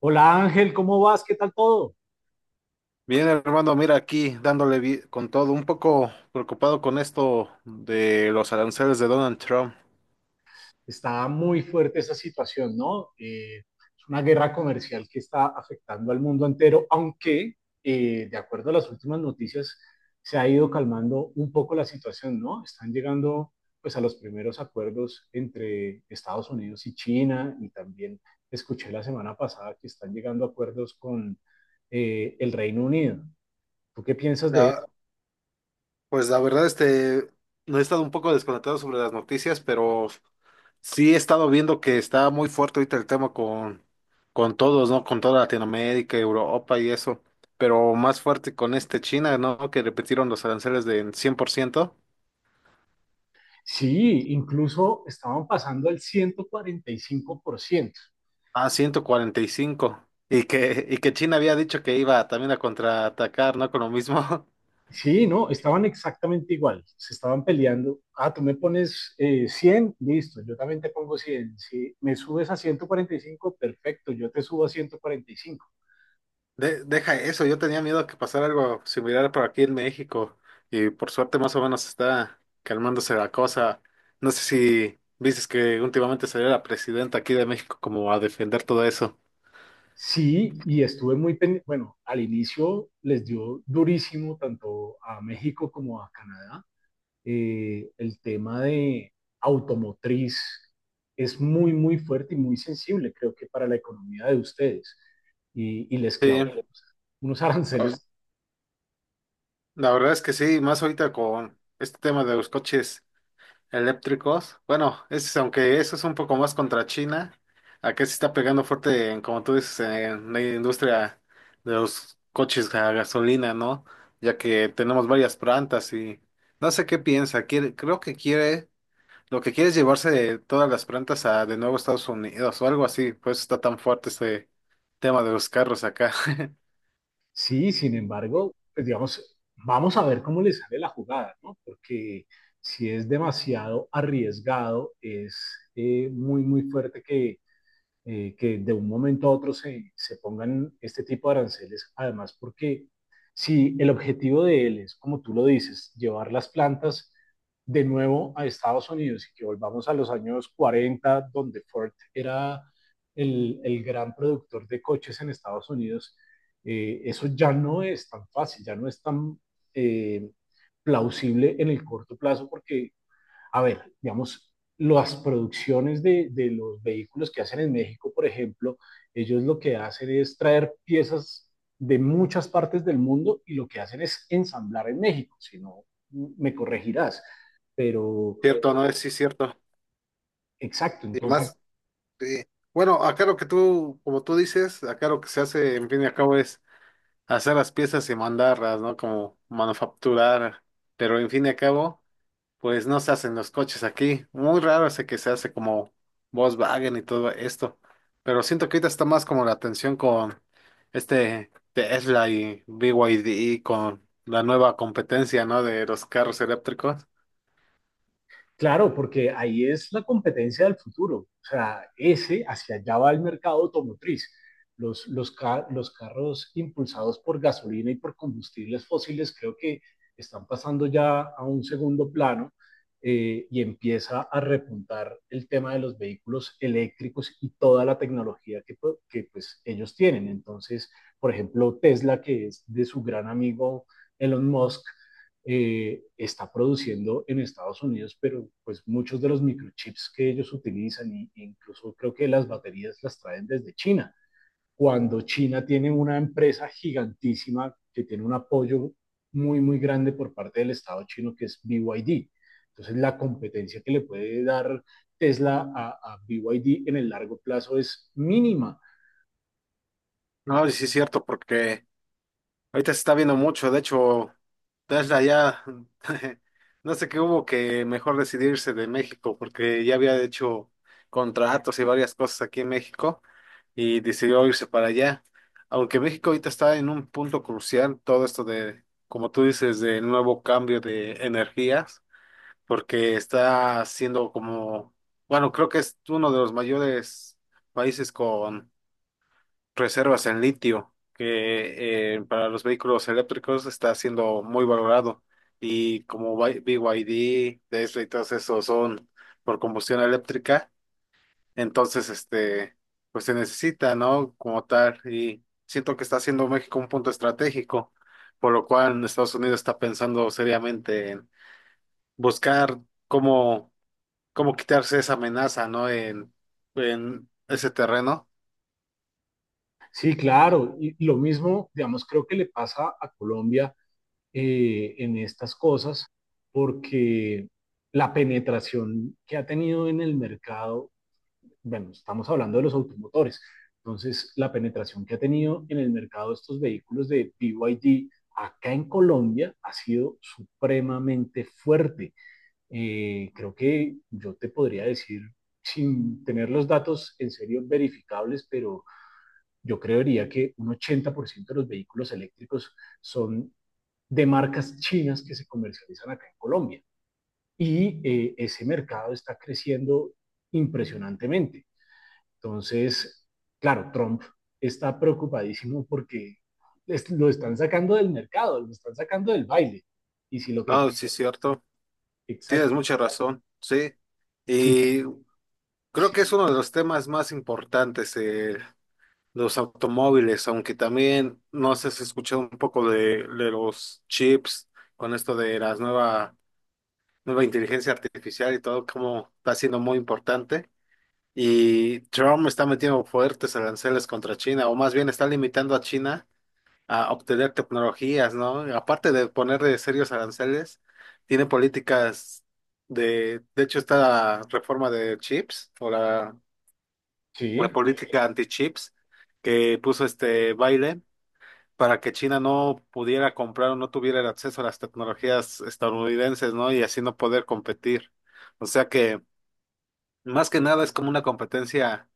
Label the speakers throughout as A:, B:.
A: Hola Ángel, ¿cómo vas? ¿Qué tal todo?
B: Bien, hermano, mira aquí dándole con todo, un poco preocupado con esto de los aranceles de Donald Trump.
A: Está muy fuerte esa situación, ¿no? Es una guerra comercial que está afectando al mundo entero, aunque de acuerdo a las últimas noticias se ha ido calmando un poco la situación, ¿no? Están llegando pues a los primeros acuerdos entre Estados Unidos y China, y también escuché la semana pasada que están llegando acuerdos con el Reino Unido. ¿Tú qué piensas de eso?
B: La, pues la verdad, no he estado un poco desconectado sobre las noticias, pero sí he estado viendo que está muy fuerte ahorita el tema con todos, ¿no? Con toda Latinoamérica, Europa y eso, pero más fuerte con este China, ¿no? Que repitieron los aranceles de en 100%,
A: Sí, incluso estaban pasando al 145%.
B: a 145, y que China había dicho que iba también a contraatacar, ¿no? Con lo mismo.
A: Sí, no, estaban exactamente igual, se estaban peleando. Ah, tú me pones 100, listo, yo también te pongo 100. Si me subes a 145, perfecto, yo te subo a 145.
B: Deja eso, yo tenía miedo que pasara algo similar por aquí en México y por suerte más o menos está calmándose la cosa. No sé si viste que últimamente salió la presidenta aquí de México como a defender todo eso.
A: Sí, y estuve muy pendiente, bueno, al inicio les dio durísimo tanto a México como a Canadá, el tema de automotriz es muy, muy fuerte y muy sensible, creo que para la economía de ustedes. Y les
B: Sí,
A: clavó unos
B: o-
A: aranceles.
B: la verdad es que sí, más ahorita con este tema de los coches eléctricos. Bueno, aunque eso es un poco más contra China, acá se está pegando fuerte, como tú dices, en la industria de los coches a gasolina, ¿no? Ya que tenemos varias plantas y no sé qué piensa. Quiere, creo que quiere, lo que quiere es llevarse todas las plantas a de nuevo Estados Unidos o algo así. Pues está tan fuerte este tema de los carros acá.
A: Sí, sin embargo, pues digamos, vamos a ver cómo les sale la jugada, ¿no? Porque si es demasiado arriesgado, es muy, muy fuerte que de un momento a otro se pongan este tipo de aranceles, además porque si el objetivo de él es, como tú lo dices, llevar las plantas de nuevo a Estados Unidos y que volvamos a los años 40, donde Ford era el gran productor de coches en Estados Unidos, eso ya no es tan fácil, ya no es tan eh, plausible en el corto plazo, porque a ver, digamos, las producciones los vehículos que hacen en México, por ejemplo, ellos lo que hacen es traer piezas de muchas partes del mundo, y lo que hacen es ensamblar en México, si no, me corregirás. Pero,
B: Cierto, no es, sí, cierto.
A: exacto,
B: Y
A: entonces
B: más, sí. Bueno, acá lo que tú, como tú dices, acá lo que se hace, en fin y al cabo, es hacer las piezas y mandarlas, ¿no? Como manufacturar. Pero en fin y al cabo, pues no se hacen los coches aquí. Muy raro ese que se hace como Volkswagen y todo esto. Pero siento que ahorita está más como la atención con este Tesla y BYD, con la nueva competencia, ¿no? De los carros eléctricos.
A: claro, porque ahí es la competencia del futuro. O sea, ese, hacia allá va el mercado automotriz. Los carros impulsados por gasolina y por combustibles fósiles creo que están pasando ya a un segundo plano, y empieza a repuntar el tema de los vehículos eléctricos y toda la tecnología que, que pues, ellos tienen. Entonces, por ejemplo, Tesla, que es de su gran amigo Elon Musk, está produciendo en Estados Unidos, pero pues muchos de los microchips que ellos utilizan, e incluso creo que las baterías las traen desde China, cuando China tiene una empresa gigantísima que tiene un apoyo muy, muy grande por parte del Estado chino, que es BYD. Entonces, la competencia que le puede dar Tesla a BYD en el largo plazo es mínima.
B: No, y sí es cierto, porque ahorita se está viendo mucho, de hecho, Tesla ya, no sé qué hubo que mejor decidirse de México, porque ya había hecho contratos y varias cosas aquí en México y decidió irse para allá. Aunque México ahorita está en un punto crucial, todo esto de, como tú dices, de nuevo cambio de energías, porque está siendo como, bueno, creo que es uno de los mayores países reservas en litio, que para los vehículos eléctricos está siendo muy valorado. Y como BYD Tesla y todos esos son por combustión eléctrica, entonces pues se necesita, ¿no? Como tal, y siento que está haciendo México un punto estratégico, por lo cual Estados Unidos está pensando seriamente en buscar cómo, cómo quitarse esa amenaza, ¿no? En ese terreno.
A: Sí, claro. Y lo mismo, digamos, creo que le pasa a Colombia en estas cosas, porque la penetración que ha tenido en el mercado, bueno, estamos hablando de los automotores, entonces la penetración que ha tenido en el mercado estos vehículos de BYD acá en Colombia ha sido supremamente fuerte. Creo que yo te podría decir, sin tener los datos en serio verificables, pero yo creería que un 80% de los vehículos eléctricos son de marcas chinas que se comercializan acá en Colombia. Y ese mercado está creciendo impresionantemente. Entonces, claro, Trump está preocupadísimo porque es, lo están sacando del mercado, lo están sacando del baile. Y si lo que...
B: No, sí es cierto. Tienes
A: Exacto.
B: mucha razón, sí.
A: Si,
B: Y creo
A: si,
B: que es uno de los temas más importantes, los automóviles, aunque también no sé si has escuchado un poco de los chips con esto de las nueva inteligencia artificial y todo, como está siendo muy importante. Y Trump está metiendo fuertes aranceles contra China, o más bien está limitando a China a obtener tecnologías, ¿no? Y aparte de ponerle serios aranceles, tiene políticas de hecho, está la reforma de chips o la
A: sí,
B: política anti-chips que puso este baile para que China no pudiera comprar o no tuviera el acceso a las tecnologías estadounidenses, ¿no? Y así no poder competir. O sea que, más que nada, es como una competencia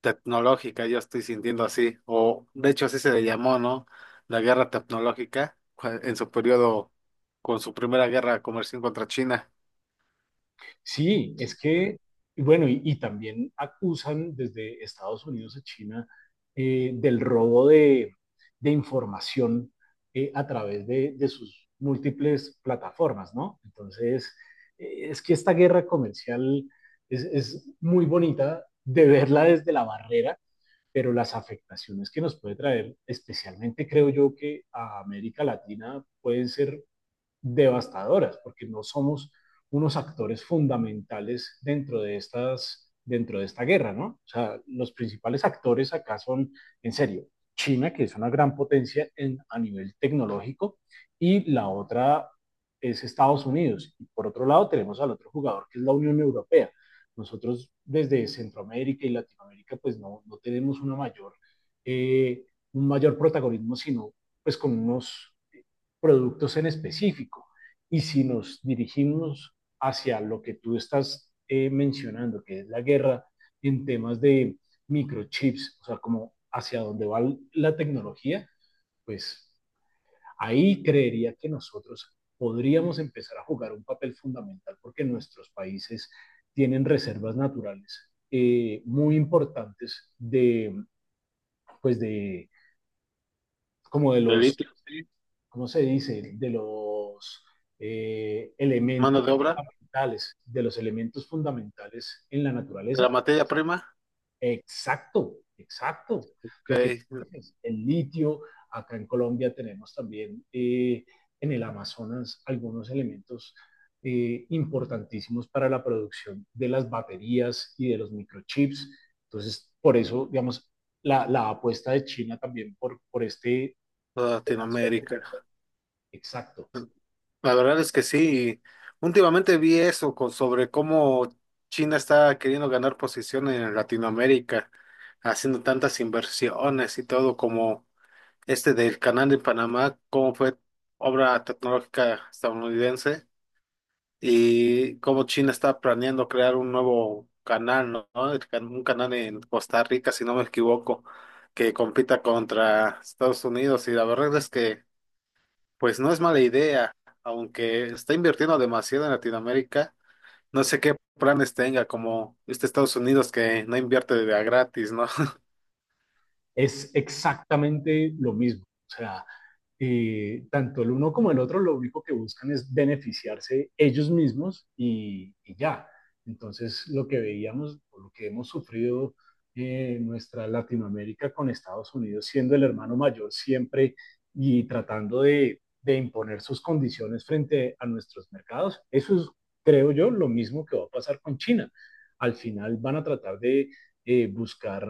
B: tecnológica, yo estoy sintiendo así, o de hecho así se le llamó, ¿no? La guerra tecnológica en su periodo con su primera guerra comercial contra China.
A: sí, es que, y bueno, y también acusan desde Estados Unidos a China del robo de información a través de sus múltiples plataformas, ¿no? Entonces, es que esta guerra comercial es muy bonita de verla desde la barrera, pero las afectaciones que nos puede traer, especialmente creo yo que a América Latina, pueden ser devastadoras, porque no somos unos actores fundamentales dentro de estas dentro de esta guerra, ¿no? O sea, los principales actores acá son, en serio, China, que es una gran potencia en, a nivel tecnológico, y la otra es Estados Unidos. Y por otro lado tenemos al otro jugador, que es la Unión Europea. Nosotros desde Centroamérica y Latinoamérica, pues no, no tenemos una mayor, eh, un mayor protagonismo, sino pues con unos productos en específico. Y si nos dirigimos hacia lo que tú estás mencionando, que es la guerra en temas de microchips, o sea, como hacia dónde va la tecnología, pues ahí creería que nosotros podríamos empezar a jugar un papel fundamental, porque nuestros países tienen reservas naturales muy importantes de, pues de, como de
B: El
A: los
B: litio, sí.
A: ¿cómo se dice?, de los
B: Mano
A: elementos
B: de obra,
A: fundamentales, de los elementos fundamentales en la
B: de la
A: naturaleza.
B: materia prima,
A: Exacto, exacto. Lo que
B: que
A: dices, el litio, acá en Colombia tenemos también en el Amazonas algunos elementos importantísimos para la producción de las baterías y de los microchips. Entonces, por eso, digamos, la apuesta de China también por este
B: toda
A: pedazo del...
B: Latinoamérica.
A: Exacto.
B: La verdad es que sí, últimamente vi eso sobre cómo China está queriendo ganar posición en Latinoamérica, haciendo tantas inversiones y todo como este del canal de Panamá, cómo fue obra tecnológica estadounidense y cómo China está planeando crear un nuevo canal, ¿no? ¿No? Un canal en Costa Rica, si no me equivoco, que compita contra Estados Unidos. Y la verdad es que, pues no es mala idea, aunque está invirtiendo demasiado en Latinoamérica. No sé qué planes tenga, como este Estados Unidos que no invierte de a gratis, ¿no?
A: Es exactamente lo mismo. O sea, tanto el uno como el otro lo único que buscan es beneficiarse ellos mismos, y ya. Entonces, lo que veíamos o lo que hemos sufrido en nuestra Latinoamérica con Estados Unidos, siendo el hermano mayor siempre y tratando de imponer sus condiciones frente a nuestros mercados, eso es, creo yo, lo mismo que va a pasar con China. Al final van a tratar de buscar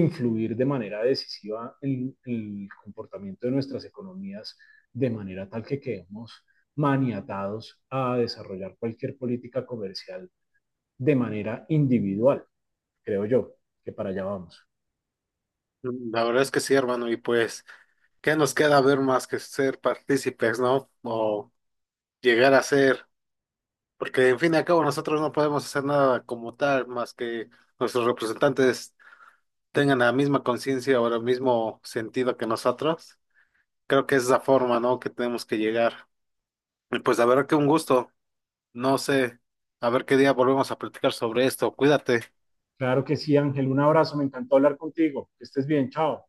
A: influir de manera decisiva en el comportamiento de nuestras economías de manera tal que quedemos maniatados a desarrollar cualquier política comercial de manera individual, creo yo, que para allá vamos.
B: La verdad es que sí, hermano, y pues. ¿Qué nos queda ver más que ser partícipes, ¿no? O llegar a ser, porque en fin y al cabo nosotros no podemos hacer nada como tal, más que nuestros representantes tengan la misma conciencia o el mismo sentido que nosotros. Creo que es la forma, ¿no? Que tenemos que llegar. Y pues a ver qué un gusto. No sé, a ver qué día volvemos a platicar sobre esto. Cuídate.
A: Claro que sí, Ángel, un abrazo, me encantó hablar contigo, que estés bien, chao.